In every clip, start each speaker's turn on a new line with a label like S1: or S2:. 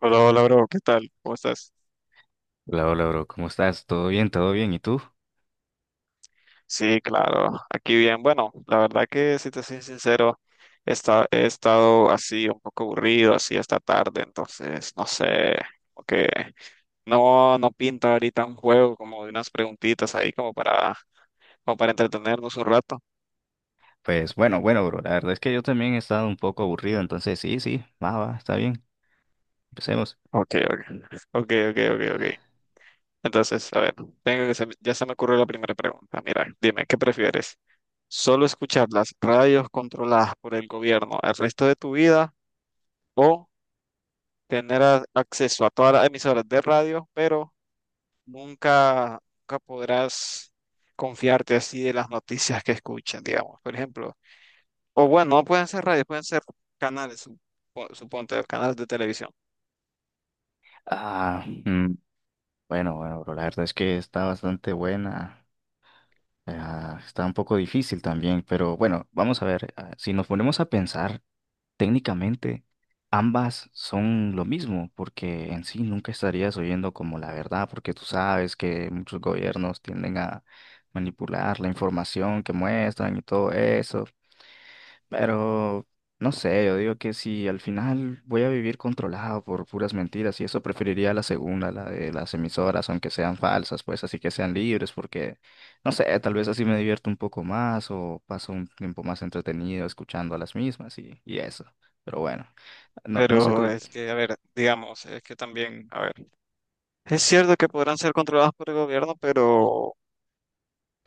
S1: Hola, hola, bro, ¿qué tal? ¿Cómo estás?
S2: Hola, hola, bro. ¿Cómo estás? ¿Todo bien? ¿Todo bien? ¿Y tú?
S1: Sí, claro, aquí bien. Bueno, la verdad que si te soy sincero, he estado así un poco aburrido, así esta tarde, entonces no sé, como que no pinta ahorita un juego como de unas preguntitas ahí como para entretenernos un rato.
S2: Pues bueno, bueno, bro. La verdad es que yo también he estado un poco aburrido, entonces sí, sí, va, va, está bien. Empecemos.
S1: Ok, ok, ok, ok, ok, ok. Entonces, a ver, tengo ya se me ocurrió la primera pregunta. Mira, dime, ¿qué prefieres? ¿Solo escuchar las radios controladas por el gobierno el resto de tu vida, o tener acceso a todas las emisoras de radio, pero nunca, nunca podrás confiarte así de las noticias que escuchan, digamos, por ejemplo? O bueno, no pueden ser radios, pueden ser canales, suponte, canales de televisión.
S2: Ah, mm, bueno, bueno, bro. La verdad es que está bastante buena. Está un poco difícil también, pero bueno, vamos a ver. Ah, si nos ponemos a pensar, técnicamente, ambas son lo mismo, porque en sí nunca estarías oyendo como la verdad, porque tú sabes que muchos gobiernos tienden a manipular la información que muestran y todo eso. Pero no sé, yo digo que si al final voy a vivir controlado por puras mentiras y eso, preferiría la segunda, la de las emisoras, aunque sean falsas, pues así que sean libres, porque no sé, tal vez así me divierto un poco más o paso un tiempo más entretenido escuchando a las mismas y eso. Pero bueno, no, no sé
S1: Pero
S2: tú.
S1: es que, a ver, digamos, es que también, a ver, es cierto que podrán ser controlados por el gobierno, pero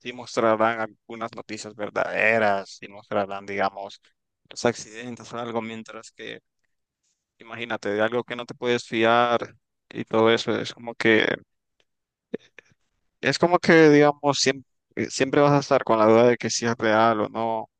S1: sí mostrarán algunas noticias verdaderas, y mostrarán, digamos, los accidentes o algo, mientras que, imagínate, de algo que no te puedes fiar y todo eso, es como que, digamos, siempre, siempre vas a estar con la duda de que si es real o no,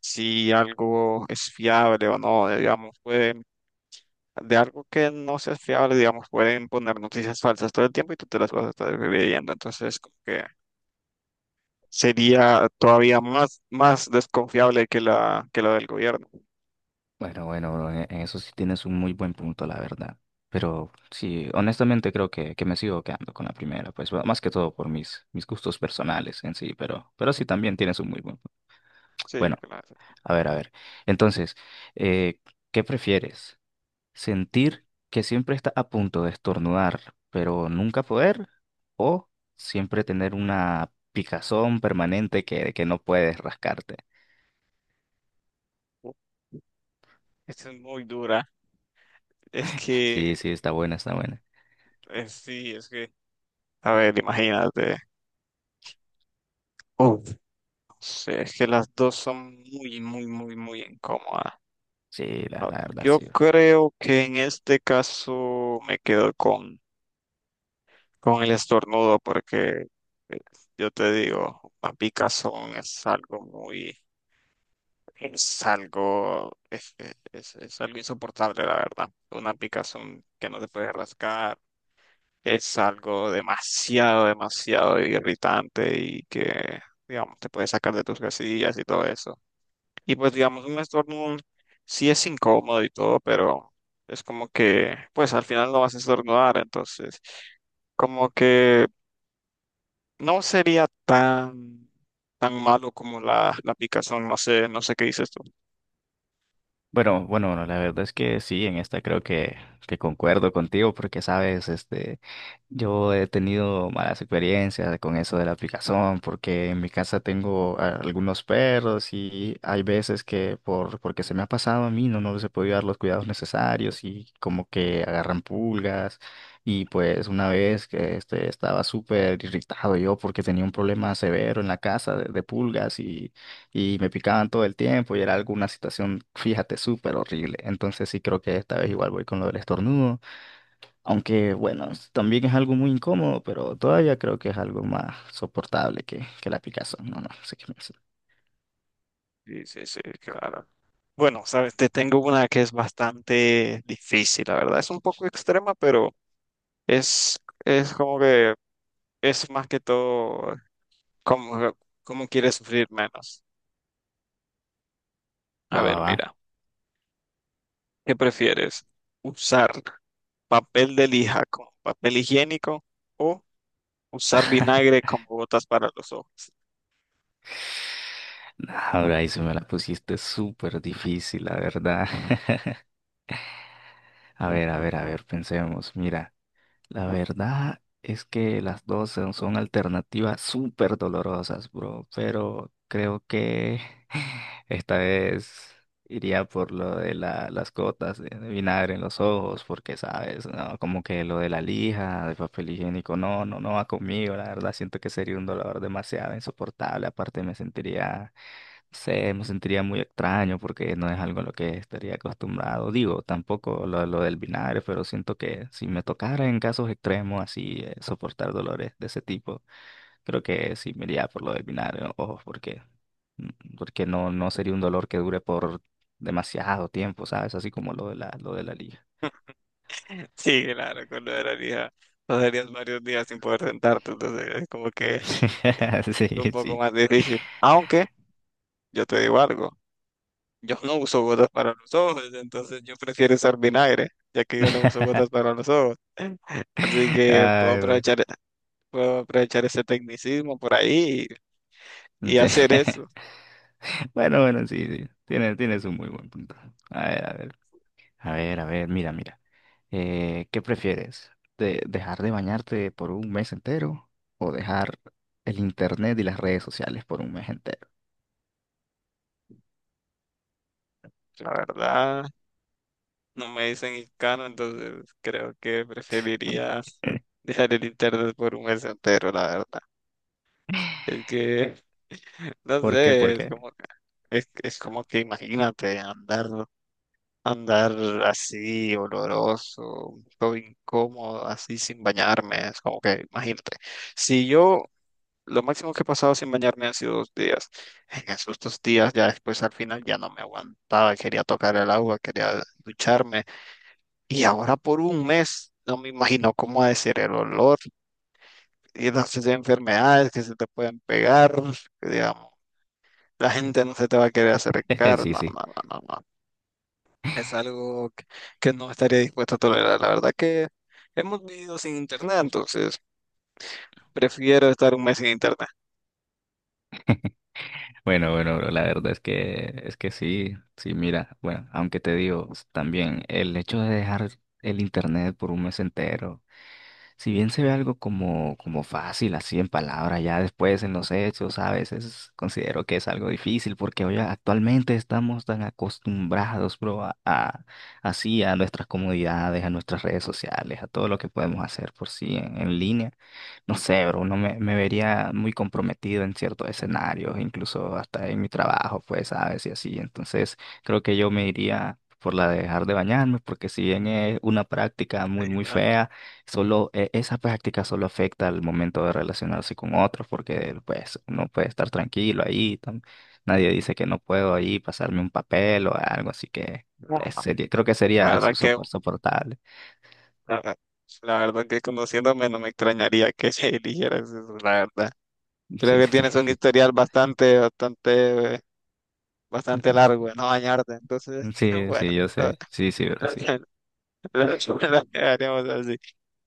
S1: si algo es fiable o no, digamos, pueden, de algo que no sea fiable, digamos, pueden poner noticias falsas todo el tiempo y tú te las vas a estar creyendo, entonces, como que sería todavía más desconfiable que la que la del gobierno.
S2: Bueno, bueno, bro, en eso sí tienes un muy buen punto, la verdad. Pero sí, honestamente creo que me sigo quedando con la primera, pues bueno, más que todo por mis, mis gustos personales en sí, pero sí también tienes un muy buen punto.
S1: Sí,
S2: Bueno,
S1: claro.
S2: a ver, a ver. Entonces, eh, ¿qué prefieres? ¿Sentir que siempre está a punto de estornudar, pero nunca poder? ¿O siempre tener una picazón permanente que no puedes rascarte?
S1: Uf, esta es muy dura. Es que,
S2: Sí, sí, está buena, está buena.
S1: sí, es que, a ver, imagínate. Uf, no sé, es que las dos son muy, muy, muy, muy incómodas.
S2: Sí, la,
S1: No,
S2: la verdad,
S1: yo
S2: sí.
S1: creo que en este caso me quedo con el estornudo porque eh, yo te digo, las picas son es algo muy Es algo, es, es algo insoportable, la verdad. Una picazón que no te puedes rascar es algo demasiado, demasiado irritante y que, digamos, te puede sacar de tus casillas y todo eso. Y pues, digamos, un estornudo sí es incómodo y todo, pero es como que, pues al final no vas a estornudar, entonces, como que no sería tan, tan malo como la picazón, no sé, no sé qué dices tú.
S2: Bueno, bueno, la verdad es que sí, en esta creo que concuerdo contigo porque, sabes, este, yo he tenido malas experiencias con eso de la aplicación porque en mi casa tengo algunos perros y hay veces que por, porque se me ha pasado a mí no, no les he podido dar los cuidados necesarios y como que agarran pulgas, y pues una vez que este, estaba súper irritado yo porque tenía un problema severo en la casa de pulgas y me picaban todo el tiempo y era alguna situación, fíjate, súper horrible. Entonces sí creo que esta vez igual voy con lo del estornudo, aunque bueno, también es algo muy incómodo, pero todavía creo que es algo más soportable que la picazón. No, no, sé qué me dice.
S1: Sí, sí, sí, claro. Bueno, sabes, te tengo una que es bastante difícil, la verdad. Es un poco extrema, pero es, es como que es más que todo como, quieres sufrir menos. A
S2: Va, va,
S1: ver,
S2: va.
S1: mira, ¿qué prefieres? ¿Usar papel de lija como papel higiénico, o usar vinagre como botas para los ojos?
S2: Ahora ahí se me la pusiste súper difícil, la verdad. A ver, a ver, a ver, pensemos. Mira, la verdad es que las dos son, son alternativas súper dolorosas, bro, pero creo que esta vez iría por lo de las gotas de vinagre en los ojos, porque sabes, no, como que lo de la lija, de papel higiénico, no, no, no va conmigo, la verdad siento que sería un dolor demasiado insoportable, aparte me sentiría sé, me sentiría muy extraño porque no es algo a lo que estaría acostumbrado. Digo, tampoco lo, lo del vinagre, pero siento que si me tocara en casos extremos así soportar dolores de ese tipo, creo que sí me iría por lo del vinagre, ojo, porque, porque no, no sería un dolor que dure por demasiado tiempo, ¿sabes? Así como lo de la liga.
S1: Sí, claro, con lo de la lija pasarías varios días sin poder sentarte, entonces es como que es un
S2: Sí,
S1: poco
S2: sí.
S1: más difícil. Aunque yo te digo algo. Yo no uso gotas para los ojos, entonces yo prefiero usar vinagre, ya que yo no uso gotas para los ojos. Así que
S2: Ay, güey.
S1: puedo aprovechar ese tecnicismo por ahí y
S2: Sí.
S1: hacer eso.
S2: Bueno, bueno, sí, sí. Tiene, tienes un muy buen punto. A ver, a ver. A ver, a ver, mira, mira. ¿Qué prefieres? ¿De dejar de bañarte por un mes entero, o dejar el internet y las redes sociales por un mes entero?
S1: La verdad, no me dicen hiscano, entonces creo que preferiría dejar el internet por un mes entero, la verdad. Es que, no
S2: ¿Por qué? ¿Por
S1: sé, es
S2: qué?
S1: como, es, es como que imagínate andar así, oloroso, un poco incómodo, así sin bañarme, es como que, imagínate. Si yo, lo máximo que he pasado sin bañarme han sido 2 días. En esos 2 días, ya después al final ya no me aguantaba, quería tocar el agua, quería ducharme. Y ahora por un mes, no me imagino cómo ha de ser el olor y las enfermedades que se te pueden pegar, digamos. La gente no se te va a querer acercar,
S2: Sí,
S1: no,
S2: sí.
S1: no, no, no. No. Es algo que no estaría dispuesto a tolerar. La verdad que hemos vivido sin internet, entonces prefiero estar un mes sin internet.
S2: Bueno, bueno, bro, la verdad es que sí, sí, mira, bueno, aunque te digo también el hecho de dejar el internet por un mes entero, si bien se ve algo como, como fácil, así en palabras, ya después en los hechos, a veces considero que es algo difícil porque hoy actualmente estamos tan acostumbrados, bro, así a nuestras comodidades, a nuestras redes sociales, a todo lo que podemos hacer por sí en línea. No sé, bro, uno me, me vería muy comprometido en ciertos escenarios, incluso hasta en mi trabajo, pues, sabes, y así. Entonces, creo que yo me iría por la de dejar de bañarme, porque si bien es una práctica muy,
S1: Y
S2: muy
S1: La
S2: fea, solo esa práctica solo afecta al momento de relacionarse con otros, porque pues uno puede estar tranquilo ahí, nadie dice que no puedo ahí pasarme un papel o algo, así que pues, sería, creo que
S1: la
S2: sería
S1: verdad que,
S2: soportable.
S1: la, la verdad que conociéndome no me extrañaría que eligieras eso, la verdad. Creo
S2: Sí,
S1: que
S2: sí,
S1: tienes un
S2: sí.
S1: historial bastante, bastante, bastante largo de no bañarte, entonces,
S2: Sí,
S1: bueno,
S2: sí, yo
S1: lo,
S2: sé. Sí, sí, pero sí.
S1: lo dejaríamos así.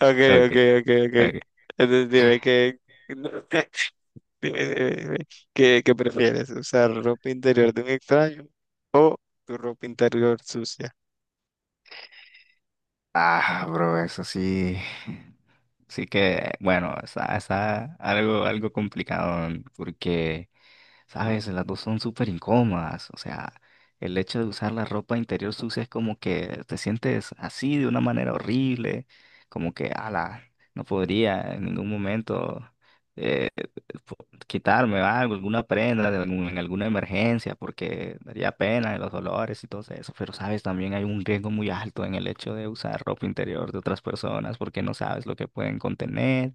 S1: Ok,
S2: Ok,
S1: ok, ok, ok.
S2: ok.
S1: Entonces dime que... Dime, dime, dime, ¿Qué prefieres? ¿Usar ropa interior de un extraño, o tu ropa interior sucia?
S2: Ah, bro, eso sí. Sí que, bueno, está, está algo, algo complicado porque... ¿Sabes? Las dos son súper incómodas. O sea, el hecho de usar la ropa interior sucia es como que te sientes así de una manera horrible, como que, ala, no podría en ningún momento eh, po- quitarme algo, alguna prenda de en alguna emergencia, porque daría pena de los dolores y todo eso. Pero, ¿sabes? También hay un riesgo muy alto en el hecho de usar ropa interior de otras personas, porque no sabes lo que pueden contener.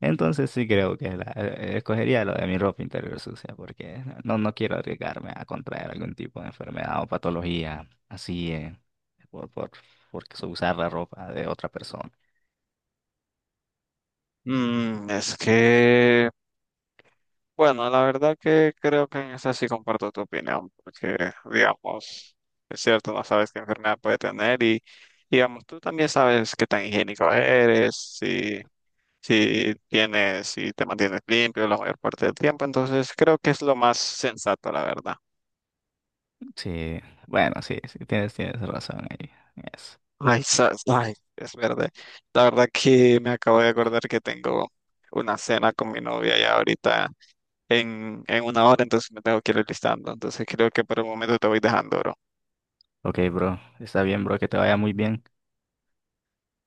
S2: Entonces sí creo que escogería lo de mi ropa interior sucia porque no, no quiero arriesgarme a contraer algún tipo de enfermedad o patología así por, por, por usar la ropa de otra persona.
S1: Mm, es que, bueno, la verdad que creo que en esa sí comparto tu opinión, porque, digamos, es cierto, no sabes qué enfermedad puede tener y, digamos, tú también sabes qué tan higiénico eres, si tienes, si te mantienes limpio la mayor parte del tiempo, entonces creo que es lo más sensato, la verdad.
S2: Sí, bueno, sí, sí, tienes, tienes razón ahí en eso.
S1: Ay, ay, es verdad. La verdad que me acabo de acordar que tengo una cena con mi novia ya ahorita en una hora, entonces me tengo que ir listando. Entonces creo que por el momento te voy dejando, bro.
S2: Ok, bro, está bien, bro, que te vaya muy bien.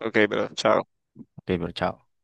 S1: Ok, bro, chao.
S2: Ok, bro, chao.